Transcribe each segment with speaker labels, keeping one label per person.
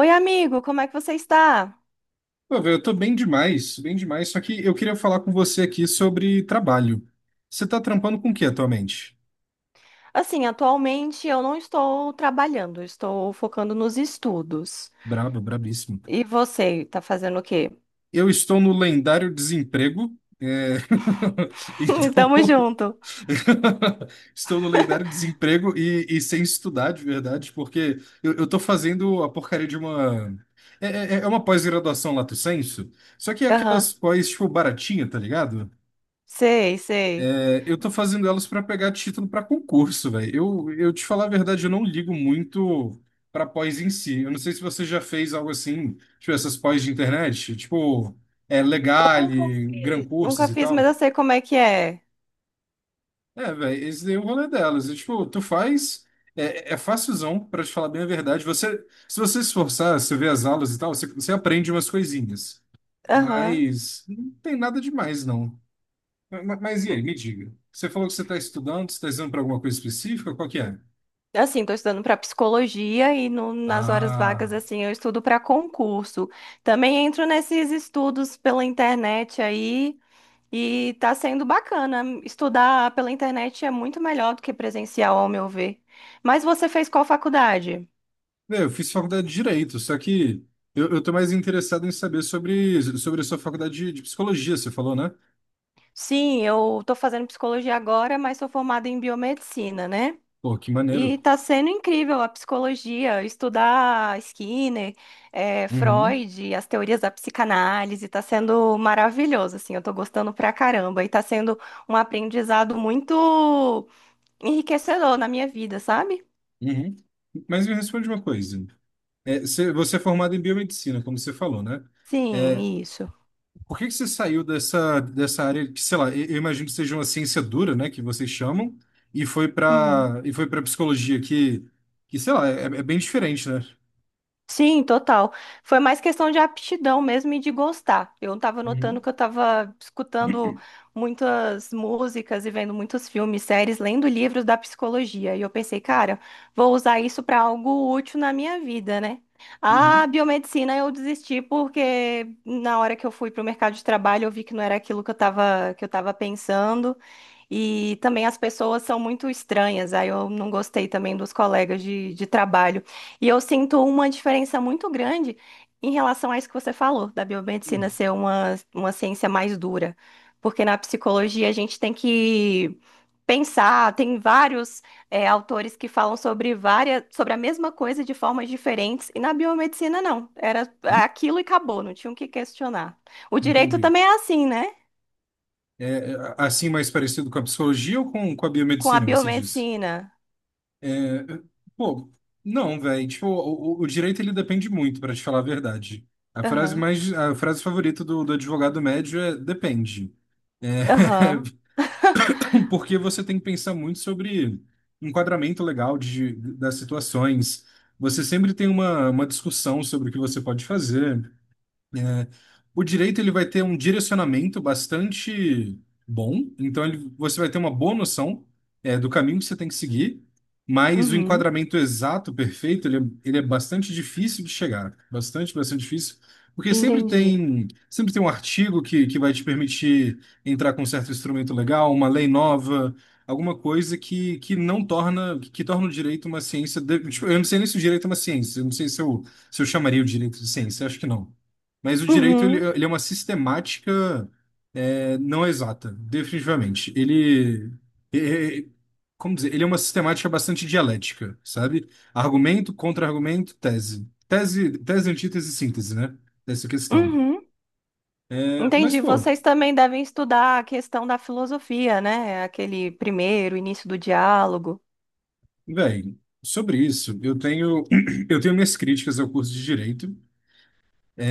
Speaker 1: Oi, amigo, como é que você está?
Speaker 2: Pô, velho, eu tô bem demais, bem demais. Só que eu queria falar com você aqui sobre trabalho. Você tá trampando com o que atualmente?
Speaker 1: Assim, atualmente eu não estou trabalhando, eu estou focando nos estudos.
Speaker 2: Brabo, brabíssimo.
Speaker 1: E você, tá fazendo o quê?
Speaker 2: Eu estou no lendário desemprego. Então,
Speaker 1: Tamo junto.
Speaker 2: estou no lendário desemprego e sem estudar, de verdade, porque eu tô fazendo a porcaria de uma. É, é uma pós-graduação lato sensu, só que é
Speaker 1: Aham,
Speaker 2: aquelas pós, tipo, baratinha, tá ligado?
Speaker 1: sei, sei.
Speaker 2: Eu tô fazendo elas para pegar título para concurso, velho. Eu te falar a verdade, eu não ligo muito para pós em si. Eu não sei se você já fez algo assim, tipo essas pós de internet, tipo,
Speaker 1: Eu nunca
Speaker 2: Legale, Gran
Speaker 1: fiz, nunca
Speaker 2: Cursos e
Speaker 1: fiz, mas
Speaker 2: tal.
Speaker 1: eu sei como é que é.
Speaker 2: É, velho, esse daí é o rolê delas. E, tipo, tu faz, é facilzão, para te falar bem a verdade. Você se esforçar, você vê as aulas e tal, você aprende umas coisinhas.
Speaker 1: Aham.
Speaker 2: Mas não tem nada demais, não. Mas e aí, me diga. Você falou que você está estudando para alguma coisa específica? Qual que é?
Speaker 1: Assim, estou estudando para psicologia e nas horas vagas,
Speaker 2: Ah,
Speaker 1: assim, eu estudo para concurso. Também entro nesses estudos pela internet aí e tá sendo bacana. Estudar pela internet é muito melhor do que presencial, ao meu ver. Mas você fez qual faculdade?
Speaker 2: eu fiz faculdade de Direito, só que eu tô mais interessado em saber sobre a sua faculdade de Psicologia, você falou, né?
Speaker 1: Sim, eu estou fazendo psicologia agora, mas sou formada em biomedicina, né?
Speaker 2: Pô, que maneiro.
Speaker 1: E tá sendo incrível a psicologia, estudar Skinner,
Speaker 2: Uhum,
Speaker 1: Freud, as teorias da psicanálise, tá sendo maravilhoso, assim, eu tô gostando pra caramba. E tá sendo um aprendizado muito enriquecedor na minha vida, sabe?
Speaker 2: uhum. Mas me responde uma coisa. É, você é formado em biomedicina, como você falou, né?
Speaker 1: Sim,
Speaker 2: É,
Speaker 1: isso.
Speaker 2: Por que que você saiu dessa, dessa área que, sei lá, eu imagino que seja uma ciência dura, né, que vocês chamam, e
Speaker 1: Uhum.
Speaker 2: foi para psicologia que sei lá, é bem diferente, né?
Speaker 1: Sim, total. Foi mais questão de aptidão mesmo e de gostar. Eu estava notando
Speaker 2: Uhum,
Speaker 1: que eu estava escutando muitas músicas e vendo muitos filmes, séries, lendo livros da psicologia. E eu pensei, cara, vou usar isso para algo útil na minha vida, né? A
Speaker 2: uhum,
Speaker 1: biomedicina eu desisti porque na hora que eu fui para o mercado de trabalho eu vi que não era aquilo que eu estava pensando. E também as pessoas são muito estranhas, aí eu não gostei também dos colegas de trabalho. E eu sinto uma diferença muito grande em relação a isso que você falou, da biomedicina
Speaker 2: uhum.
Speaker 1: ser uma ciência mais dura. Porque na psicologia a gente tem que pensar, tem vários autores que falam sobre várias, sobre a mesma coisa de formas diferentes, e na biomedicina não, era aquilo e acabou, não tinha o que questionar. O direito
Speaker 2: Entendi.
Speaker 1: também é assim, né?
Speaker 2: É, assim mais parecido com a psicologia ou com a
Speaker 1: Com a
Speaker 2: biomedicina, você disse?
Speaker 1: biomedicina.
Speaker 2: É, é, Pô, não, velho. Tipo, o direito ele depende muito, para te falar a verdade.
Speaker 1: Aham.
Speaker 2: A frase favorita do advogado médio é depende. É,
Speaker 1: Aham.
Speaker 2: porque você tem que pensar muito sobre enquadramento legal de, das situações. Você sempre tem uma discussão sobre o que você pode fazer. Né? O direito ele vai ter um direcionamento bastante bom, então você vai ter uma boa noção é, do caminho que você tem que seguir, mas o
Speaker 1: Uhum.
Speaker 2: enquadramento exato, perfeito, ele é bastante difícil de chegar, bastante, bastante difícil, porque
Speaker 1: Entendi.
Speaker 2: sempre tem um artigo que vai te permitir entrar com um certo instrumento legal, uma lei nova, alguma coisa que não torna que torna o direito uma ciência. Tipo, eu não sei nem se o direito é uma ciência, eu não sei se eu chamaria o direito de ciência, acho que não. Mas o direito ele,
Speaker 1: Uhum.
Speaker 2: ele é uma sistemática não exata, definitivamente. É- é- Como dizer, ele é uma sistemática bastante dialética, sabe? Argumento, contra-argumento, tese, antítese, síntese, né? Dessa questão.
Speaker 1: Uhum.
Speaker 2: É, mas,
Speaker 1: Entendi.
Speaker 2: pô,
Speaker 1: Vocês também devem estudar a questão da filosofia, né? Aquele primeiro início do diálogo.
Speaker 2: velho, sobre isso, eu tenho minhas críticas ao curso de direito.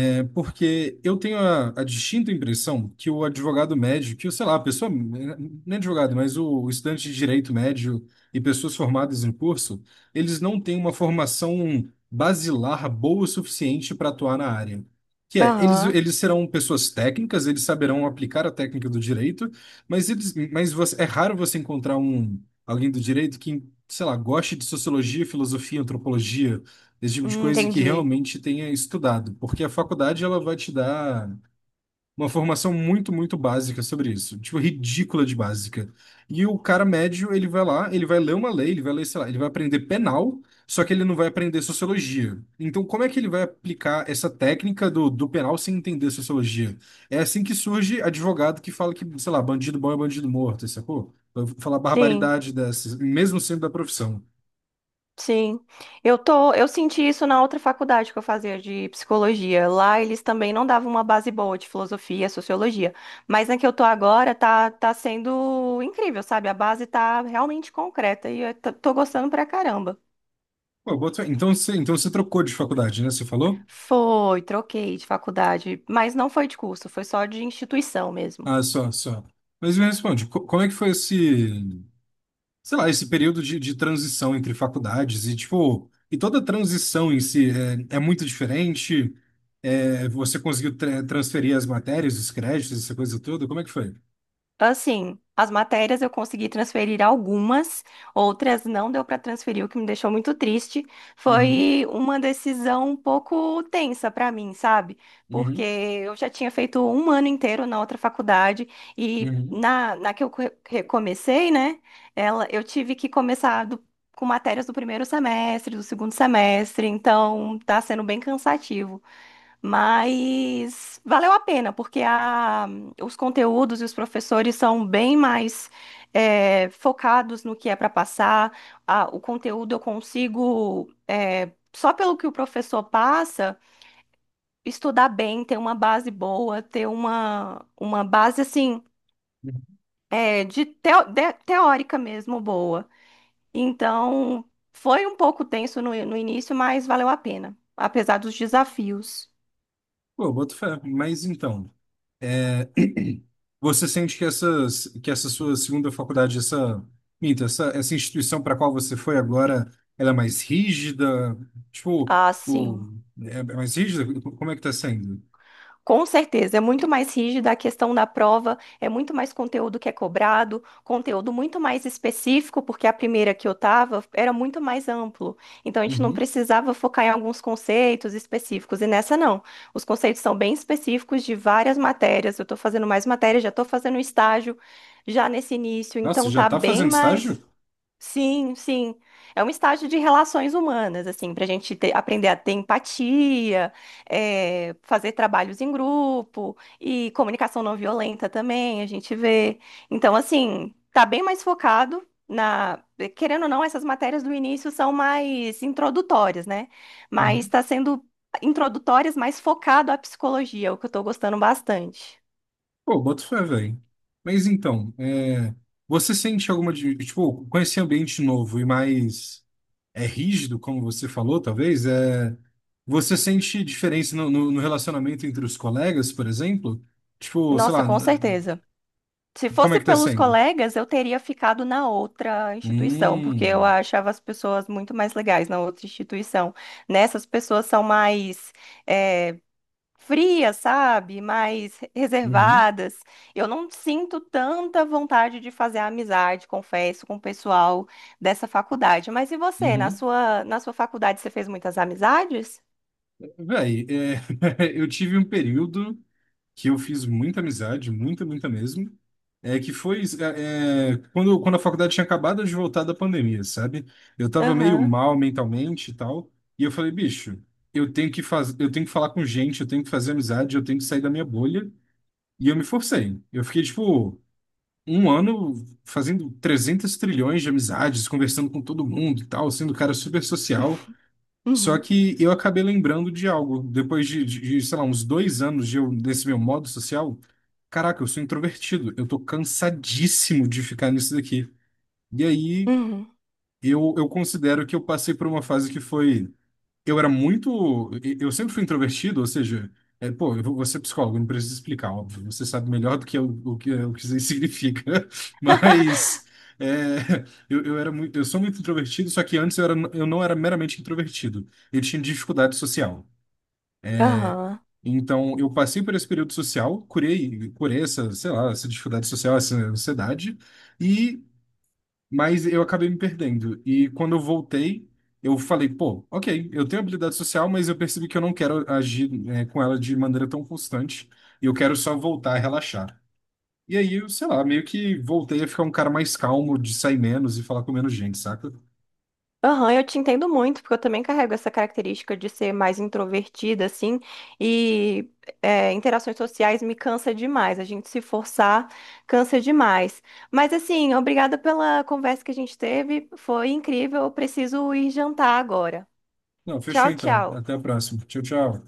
Speaker 2: É, porque eu tenho a distinta impressão que o advogado médio, que, o, sei lá, a pessoa, nem advogado, mas o estudante de direito médio e pessoas formadas em curso, eles não têm uma formação basilar boa o suficiente para atuar na área. Que é, eles,
Speaker 1: Aham.
Speaker 2: eles serão pessoas técnicas, eles saberão aplicar a técnica do direito, mas, é raro você encontrar alguém do direito que, sei lá, goste de sociologia, filosofia, antropologia, esse tipo de coisa que
Speaker 1: Entendi.
Speaker 2: realmente tenha estudado, porque a faculdade ela vai te dar uma formação muito, muito básica sobre isso, tipo, ridícula de básica. E o cara médio, ele vai lá, ele vai ler uma lei, ele vai ler, sei lá, ele vai aprender penal, só que ele não vai aprender sociologia. Então, como é que ele vai aplicar essa técnica do penal sem entender sociologia? É assim que surge advogado que fala que, sei lá, bandido bom é bandido morto, sacou? Vai falar
Speaker 1: Sim,
Speaker 2: barbaridade dessas, mesmo sendo da profissão.
Speaker 1: sim. Eu tô, eu senti isso na outra faculdade que eu fazia de psicologia. Lá eles também não davam uma base boa de filosofia, sociologia. Mas na que eu tô agora tá, tá sendo incrível, sabe? A base tá realmente concreta e eu tô tô gostando pra caramba.
Speaker 2: Pô, eu boto fé. Então você trocou de faculdade, né? Você falou?
Speaker 1: Foi, troquei de faculdade, mas não foi de curso, foi só de instituição mesmo.
Speaker 2: Ah, só, só. Mas me responde, como é que foi esse, sei lá, esse período de transição entre faculdades e, tipo, e toda a transição em si é muito diferente? É, você conseguiu transferir as matérias, os créditos, essa coisa toda? Como é que foi?
Speaker 1: Assim, as matérias eu consegui transferir algumas, outras não deu para transferir, o que me deixou muito triste.
Speaker 2: Uhum,
Speaker 1: Foi uma decisão um pouco tensa para mim, sabe? Porque
Speaker 2: uhum,
Speaker 1: eu já tinha feito um ano inteiro na outra faculdade e
Speaker 2: uhum.
Speaker 1: na que eu recomecei, né? Ela, eu tive que começar com matérias do primeiro semestre, do segundo semestre, então tá sendo bem cansativo. Mas valeu a pena, porque os conteúdos e os professores são bem mais focados no que é para passar. O conteúdo eu consigo, é, só pelo que o professor passa, estudar bem, ter uma base boa, ter uma base assim, é, de teórica mesmo boa. Então, foi um pouco tenso no início, mas valeu a pena, apesar dos desafios.
Speaker 2: Pô, boto fé. Mas então. Você sente que que essa sua segunda faculdade, minto, essa instituição para a qual você foi agora, ela é mais rígida? Tipo,
Speaker 1: Ah, sim.
Speaker 2: é mais rígida? Como é que tá sendo?
Speaker 1: Com certeza, é muito mais rígida a questão da prova, é muito mais conteúdo que é cobrado, conteúdo muito mais específico, porque a primeira que eu estava era muito mais amplo. Então a gente não
Speaker 2: Uhum.
Speaker 1: precisava focar em alguns conceitos específicos, e nessa não. Os conceitos são bem específicos de várias matérias. Eu estou fazendo mais matérias, já estou fazendo estágio já nesse início,
Speaker 2: Nossa,
Speaker 1: então
Speaker 2: já
Speaker 1: tá
Speaker 2: tá
Speaker 1: bem
Speaker 2: fazendo
Speaker 1: mais.
Speaker 2: estágio?
Speaker 1: Sim, sim. É um estágio de relações humanas, assim, para a gente aprender a ter empatia, fazer trabalhos em grupo e comunicação não violenta também, a gente vê. Então, assim, tá bem mais focado na. Querendo ou não, essas matérias do início são mais introdutórias, né? Mas
Speaker 2: Uhum.
Speaker 1: está sendo introdutórias, mais focado à psicologia, o que eu estou gostando bastante.
Speaker 2: Pô, boto fé, velho. Mas então, é, você sente alguma, tipo, com esse ambiente novo e mais é rígido, como você falou, talvez, é... você sente diferença no, no, no relacionamento entre os colegas, por exemplo? Tipo, sei
Speaker 1: Nossa,
Speaker 2: lá,
Speaker 1: com certeza. Se
Speaker 2: como é
Speaker 1: fosse
Speaker 2: que tá
Speaker 1: pelos
Speaker 2: sendo?
Speaker 1: colegas, eu teria ficado na outra instituição, porque eu
Speaker 2: Hum,
Speaker 1: achava as pessoas muito mais legais na outra instituição. Nessas pessoas são mais eh, frias, sabe? Mais
Speaker 2: uhum,
Speaker 1: reservadas. Eu não sinto tanta vontade de fazer amizade, confesso, com o pessoal dessa faculdade. Mas e você?
Speaker 2: uhum.
Speaker 1: Na sua faculdade, você fez muitas amizades?
Speaker 2: Véi, é, eu tive um período que eu fiz muita amizade, muita, muita mesmo. É que foi é, é, Quando, quando a faculdade tinha acabado de voltar da pandemia, sabe? Eu tava meio
Speaker 1: Aham.
Speaker 2: mal mentalmente e tal. E eu falei, bicho, eu tenho que falar com gente, eu tenho que fazer amizade, eu tenho que sair da minha bolha. E eu me forcei. Eu fiquei, tipo, um ano fazendo 300 trilhões de amizades, conversando com todo mundo e tal, sendo um cara super social. Só
Speaker 1: Uhum.
Speaker 2: que eu acabei lembrando de algo. Depois sei lá, uns dois anos desse meu modo social, caraca, eu sou introvertido. Eu tô cansadíssimo de ficar nisso daqui. E aí
Speaker 1: Uhum.
Speaker 2: eu considero que eu passei por uma fase que foi eu era muito. Eu sempre fui introvertido, ou seja, é, pô, eu vou ser psicólogo, não preciso explicar, óbvio. Você sabe melhor do que eu, o que isso aí significa. Mas é, eu sou muito introvertido, só que antes eu não era meramente introvertido. Eu tinha dificuldade social.
Speaker 1: Aham.
Speaker 2: Então, eu passei por esse período social, curei, curei essa, sei lá, essa dificuldade social, essa ansiedade, e mas eu acabei me perdendo. E quando eu voltei, eu falei, pô, ok, eu tenho habilidade social, mas eu percebi que eu não quero agir, com ela de maneira tão constante. E eu quero só voltar a relaxar. E aí, eu, sei lá, meio que voltei a ficar um cara mais calmo, de sair menos e falar com menos gente, saca?
Speaker 1: Aham, eu te entendo muito, porque eu também carrego essa característica de ser mais introvertida, assim, e é, interações sociais me cansa demais. A gente se forçar cansa demais. Mas, assim, obrigada pela conversa que a gente teve, foi incrível. Eu preciso ir jantar agora.
Speaker 2: Não, fechou
Speaker 1: Tchau,
Speaker 2: então.
Speaker 1: tchau.
Speaker 2: Até a próxima. Tchau, tchau.